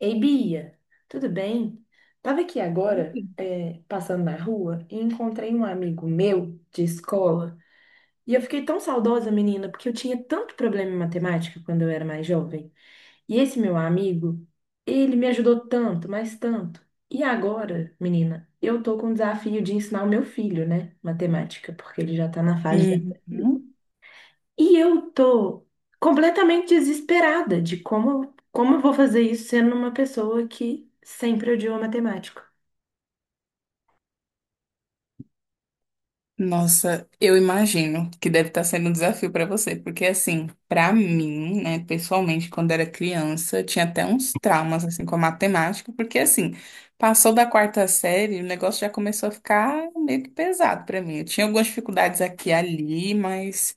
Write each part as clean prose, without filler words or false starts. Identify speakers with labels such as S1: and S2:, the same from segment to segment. S1: Ei, Bia, tudo bem? Tava aqui agora, passando na rua, e encontrei um amigo meu de escola. E eu fiquei tão saudosa, menina, porque eu tinha tanto problema em matemática quando eu era mais jovem. E esse meu amigo, ele me ajudou tanto, mas tanto. E agora, menina, eu tô com o desafio de ensinar o meu filho, né, matemática, porque ele já tá na fase de aprender.
S2: Uhum.
S1: E eu tô completamente desesperada de como, como eu vou fazer isso sendo uma pessoa que sempre odiou matemática.
S2: Nossa, eu imagino que deve estar sendo um desafio para você, porque assim, para mim, né, pessoalmente, quando era criança, eu tinha até uns traumas assim com a matemática, porque assim, passou da quarta série, o negócio já começou a ficar meio que pesado para mim. Eu tinha algumas dificuldades aqui e ali, mas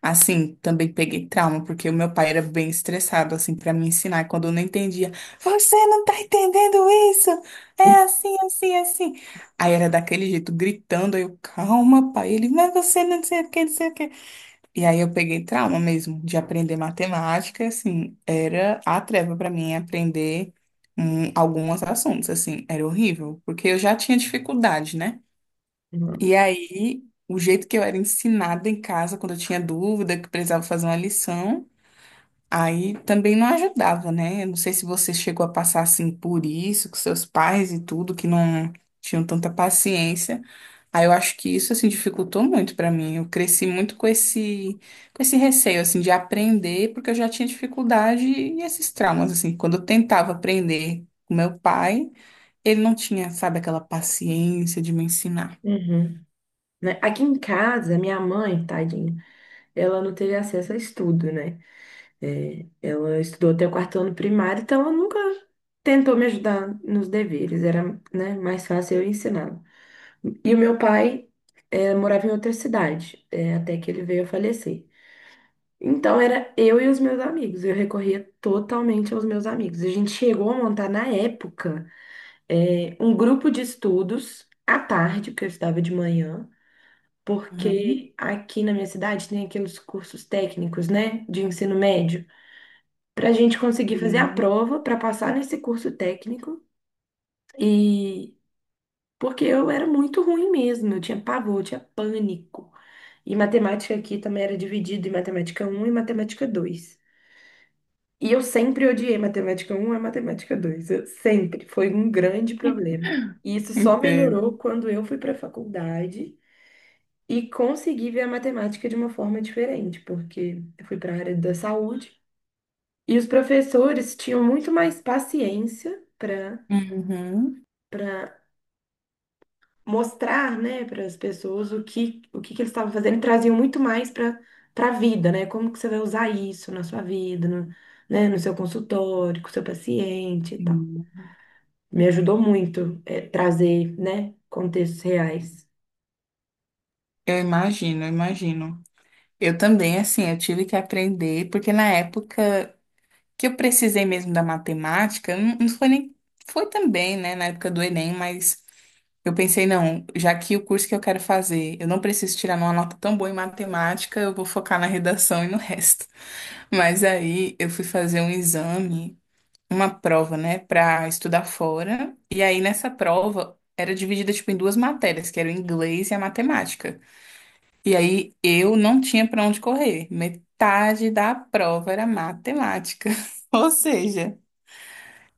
S2: assim, também peguei trauma, porque o meu pai era bem estressado, assim, pra me ensinar. E quando eu não entendia, você não tá entendendo isso? É assim, assim, assim. Aí era daquele jeito, gritando. Aí eu, calma, pai. Ele, mas você não sei o que, não sei o que. E aí eu peguei trauma mesmo de aprender matemática, e, assim, era a treva pra mim aprender alguns assuntos, assim, era horrível, porque eu já tinha dificuldade, né?
S1: Uhum.
S2: E aí, o jeito que eu era ensinada em casa, quando eu tinha dúvida, que precisava fazer uma lição, aí também não ajudava, né? Eu não sei se você chegou a passar assim por isso, com seus pais e tudo, que não tinham tanta paciência. Aí eu acho que isso assim dificultou muito pra mim. Eu cresci muito com esse receio assim de aprender, porque eu já tinha dificuldade e esses traumas assim. Quando eu tentava aprender com meu pai, ele não tinha, sabe, aquela paciência de me ensinar.
S1: Uhum. Né? Aqui em casa, minha mãe, tadinha, ela não teve acesso a estudo, né? Ela estudou até o quarto ano primário, então ela nunca tentou me ajudar nos deveres, era, né, mais fácil eu ensiná-la. E o meu pai, morava em outra cidade, até que ele veio a falecer. Então era eu e os meus amigos, eu recorria totalmente aos meus amigos. A gente chegou a montar na época um grupo de estudos à tarde, porque eu estudava de manhã,
S2: Uhum.
S1: porque aqui na minha cidade tem aqueles cursos técnicos, né, de ensino médio, para a gente conseguir fazer a
S2: Sim.
S1: prova para passar nesse curso técnico. E porque eu era muito ruim mesmo, eu tinha pavor, eu tinha pânico. E matemática aqui também era dividido em matemática um e matemática dois. E eu sempre odiei matemática um e matemática dois. Eu sempre. Foi um grande problema. E isso só melhorou
S2: Entendo.
S1: quando eu fui para a faculdade e consegui ver a matemática de uma forma diferente, porque eu fui para a área da saúde e os professores tinham muito mais paciência para
S2: Uhum,
S1: para mostrar, né, para as pessoas o que, que eles estavam fazendo e traziam muito mais para para a vida, né? Como que você vai usar isso na sua vida, no, né, no seu consultório, com o seu paciente e tal.
S2: sim.
S1: Me ajudou muito, trazer, né, contextos reais.
S2: Eu imagino, eu imagino. Eu também, assim, eu tive que aprender, porque na época que eu precisei mesmo da matemática, não, não foi nem, foi também, né, na época do Enem, mas eu pensei, não, já que o curso que eu quero fazer, eu não preciso tirar uma nota tão boa em matemática, eu vou focar na redação e no resto. Mas aí eu fui fazer um exame, uma prova, né, para estudar fora. E aí nessa prova era dividida tipo em duas matérias, que era o inglês e a matemática. E aí eu não tinha para onde correr. Metade da prova era matemática. Ou seja,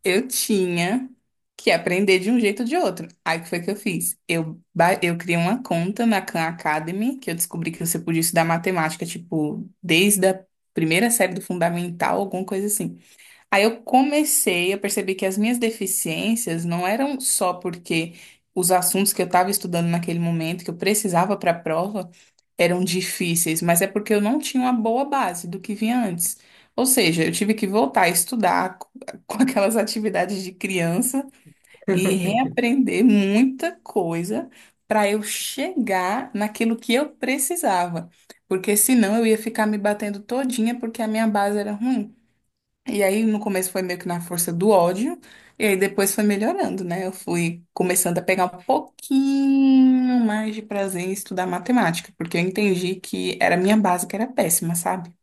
S2: eu tinha que aprender de um jeito ou de outro. Aí o que foi que eu fiz? Eu criei uma conta na Khan Academy, que eu descobri que você podia estudar matemática tipo desde a primeira série do fundamental, alguma coisa assim. Aí eu comecei, eu percebi que as minhas deficiências não eram só porque os assuntos que eu estava estudando naquele momento, que eu precisava para a prova, eram difíceis, mas é porque eu não tinha uma boa base do que vinha antes. Ou seja, eu tive que voltar a estudar com aquelas atividades de criança e reaprender muita coisa para eu chegar naquilo que eu precisava. Porque senão eu ia ficar me batendo todinha porque a minha base era ruim. E aí, no começo foi meio que na força do ódio, e aí depois foi melhorando, né? Eu fui começando a pegar um pouquinho mais de prazer em estudar matemática, porque eu entendi que era a minha base que era péssima, sabe?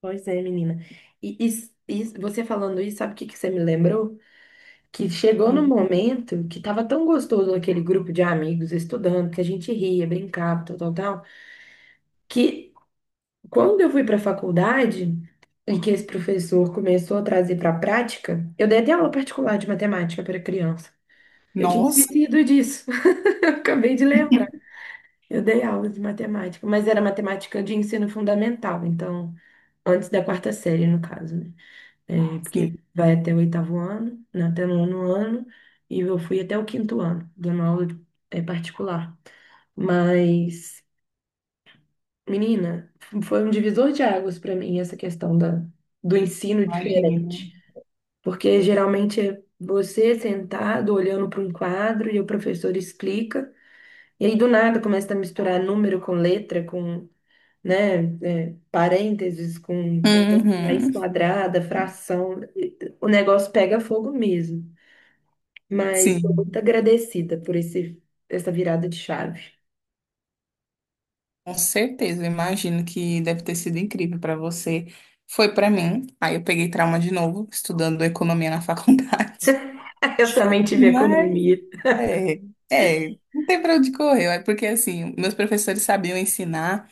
S1: Pois é, menina. E você falando isso, sabe o que que você me lembrou? Que chegou num
S2: Uhum.
S1: momento que tava tão gostoso aquele grupo de amigos estudando, que a gente ria, brincava, tal, tal, tal, que quando eu fui para a faculdade e que esse professor começou a trazer para a prática, eu dei até aula particular de matemática para criança. Eu tinha
S2: Nossa,
S1: esquecido disso. Acabei de lembrar. Eu dei aula de matemática, mas era matemática de ensino fundamental, então, antes da quarta série, no caso, né?
S2: sim,
S1: Porque vai até o oitavo ano, né, até o nono ano, e eu fui até o quinto ano, dando aula particular. Mas, menina, foi um divisor de águas para mim essa questão da, do ensino
S2: imagino.
S1: diferente. Porque geralmente é você sentado olhando para um quadro e o professor explica, e aí do nada começa a misturar número com letra, com né, parênteses com raiz
S2: Uhum.
S1: quadrada, fração, o negócio pega fogo mesmo. Mas estou
S2: Sim,
S1: muito agradecida por esse, essa virada de chave.
S2: com certeza. Eu imagino que deve ter sido incrível para você. Foi para mim. Aí eu peguei trauma de novo, estudando economia na faculdade.
S1: Eu também tive
S2: Mas
S1: economia.
S2: é, é, não tem pra onde correr, é porque assim, meus professores sabiam ensinar,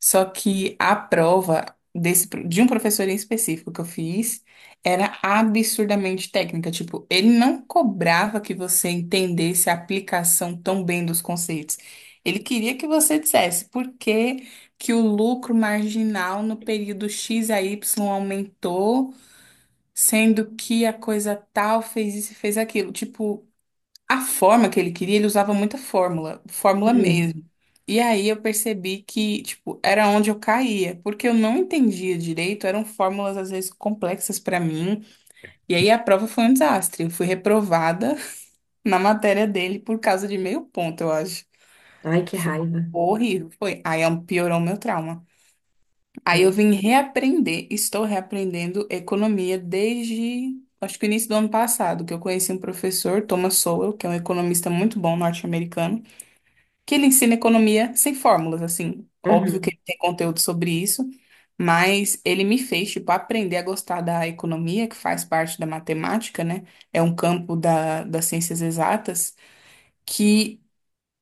S2: só que a prova de um professor em específico que eu fiz era absurdamente técnica, tipo, ele não cobrava que você entendesse a aplicação tão bem dos conceitos. Ele queria que você dissesse por que que o lucro marginal no período X a Y aumentou, sendo que a coisa tal fez isso e fez aquilo, tipo a forma que ele queria, ele usava muita fórmula, fórmula
S1: Uhum.
S2: mesmo. E aí eu percebi que, tipo, era onde eu caía, porque eu não entendia direito, eram fórmulas às vezes complexas pra mim. E aí a prova foi um desastre. Eu fui reprovada na matéria dele por causa de meio ponto, eu acho.
S1: Ai, que
S2: Foi
S1: raiva.
S2: horrível, foi. Piorou o meu trauma. Aí eu
S1: Não.
S2: vim reaprender, estou reaprendendo economia desde, acho que, o início do ano passado, que eu conheci um professor, Thomas Sowell, que é um economista muito bom norte-americano, que ele ensina economia sem fórmulas, assim. Óbvio que
S1: Uhum.
S2: ele tem conteúdo sobre isso, mas ele me fez, tipo, aprender a gostar da economia, que faz parte da matemática, né? É um campo da, das ciências exatas, que,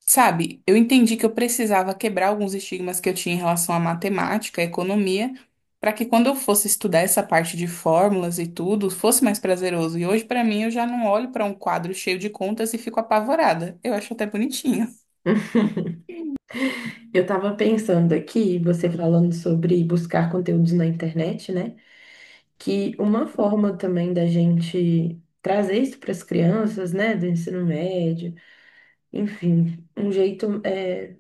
S2: sabe, eu entendi que eu precisava quebrar alguns estigmas que eu tinha em relação à matemática, à economia, para que quando eu fosse estudar essa parte de fórmulas e tudo, fosse mais prazeroso. E hoje, para mim, eu já não olho para um quadro cheio de contas e fico apavorada. Eu acho até bonitinho,
S1: Eu estava pensando aqui, você falando sobre buscar conteúdos na internet, né? Que uma forma também da gente trazer isso para as crianças, né, do ensino médio, enfim, um jeito é,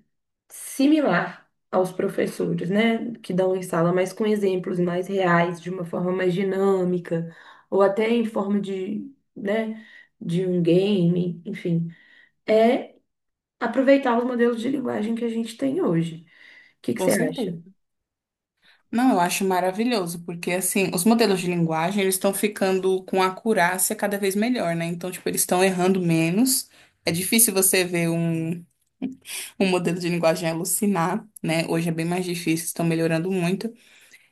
S1: similar aos professores, né, que dão em sala, mas com exemplos mais reais, de uma forma mais dinâmica, ou até em forma de, né, de um game, enfim, é aproveitar os modelos de linguagem que a gente tem hoje. O que que
S2: com
S1: você
S2: certeza.
S1: acha?
S2: Não, eu acho maravilhoso, porque assim, os modelos de linguagem, eles estão ficando com acurácia cada vez melhor, né? Então, tipo, eles estão errando menos. É difícil você ver um modelo de linguagem alucinar, né? Hoje é bem mais difícil, estão melhorando muito.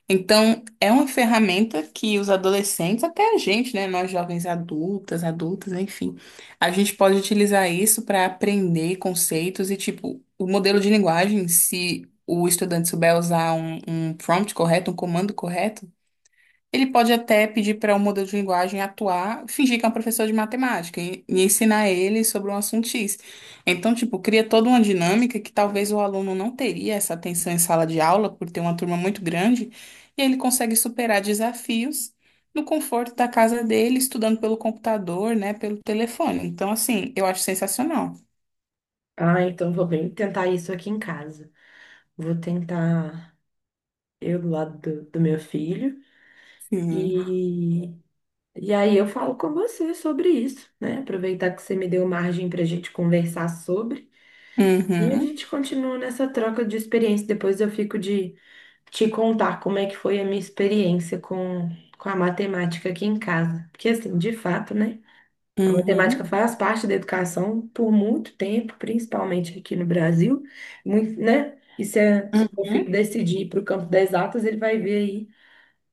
S2: Então, é uma ferramenta que os adolescentes, até a gente, né, nós jovens adultas, adultas, enfim, a gente pode utilizar isso para aprender conceitos e, tipo, o modelo de linguagem, se o estudante souber usar um prompt correto, um comando correto, ele pode até pedir para um modelo de linguagem atuar, fingir que é um professor de matemática e ensinar ele sobre um assunto X. Então, tipo, cria toda uma dinâmica que talvez o aluno não teria essa atenção em sala de aula, por ter uma turma muito grande, e ele consegue superar desafios no conforto da casa dele, estudando pelo computador, né, pelo telefone. Então, assim, eu acho sensacional.
S1: Ah, então vou bem tentar isso aqui em casa. Vou tentar eu do lado do, do meu filho
S2: Sim.
S1: e e aí eu falo com você sobre isso, né? Aproveitar que você me deu margem para a gente conversar sobre. E a
S2: Uhum,
S1: gente continua nessa troca de experiência. Depois eu fico de te contar como é que foi a minha experiência com a matemática aqui em casa. Porque, assim, de fato, né? A matemática
S2: uhum,
S1: faz parte da educação por muito tempo, principalmente aqui no Brasil, muito, né? E se o meu filho
S2: uhum.
S1: decidir ir para o campo das exatas, ele vai ver aí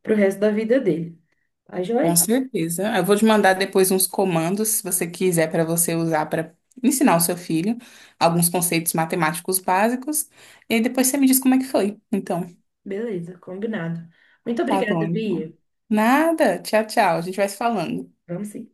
S1: para o resto da vida dele. Tá
S2: Com
S1: joia?
S2: certeza. Eu vou te mandar depois uns comandos, se você quiser, para você usar para ensinar o seu filho alguns conceitos matemáticos básicos. E aí depois você me diz como é que foi. Então,
S1: Beleza, combinado. Muito
S2: tá bom,
S1: obrigada,
S2: então.
S1: Bia.
S2: Nada. Tchau, tchau. A gente vai se falando.
S1: Vamos sim.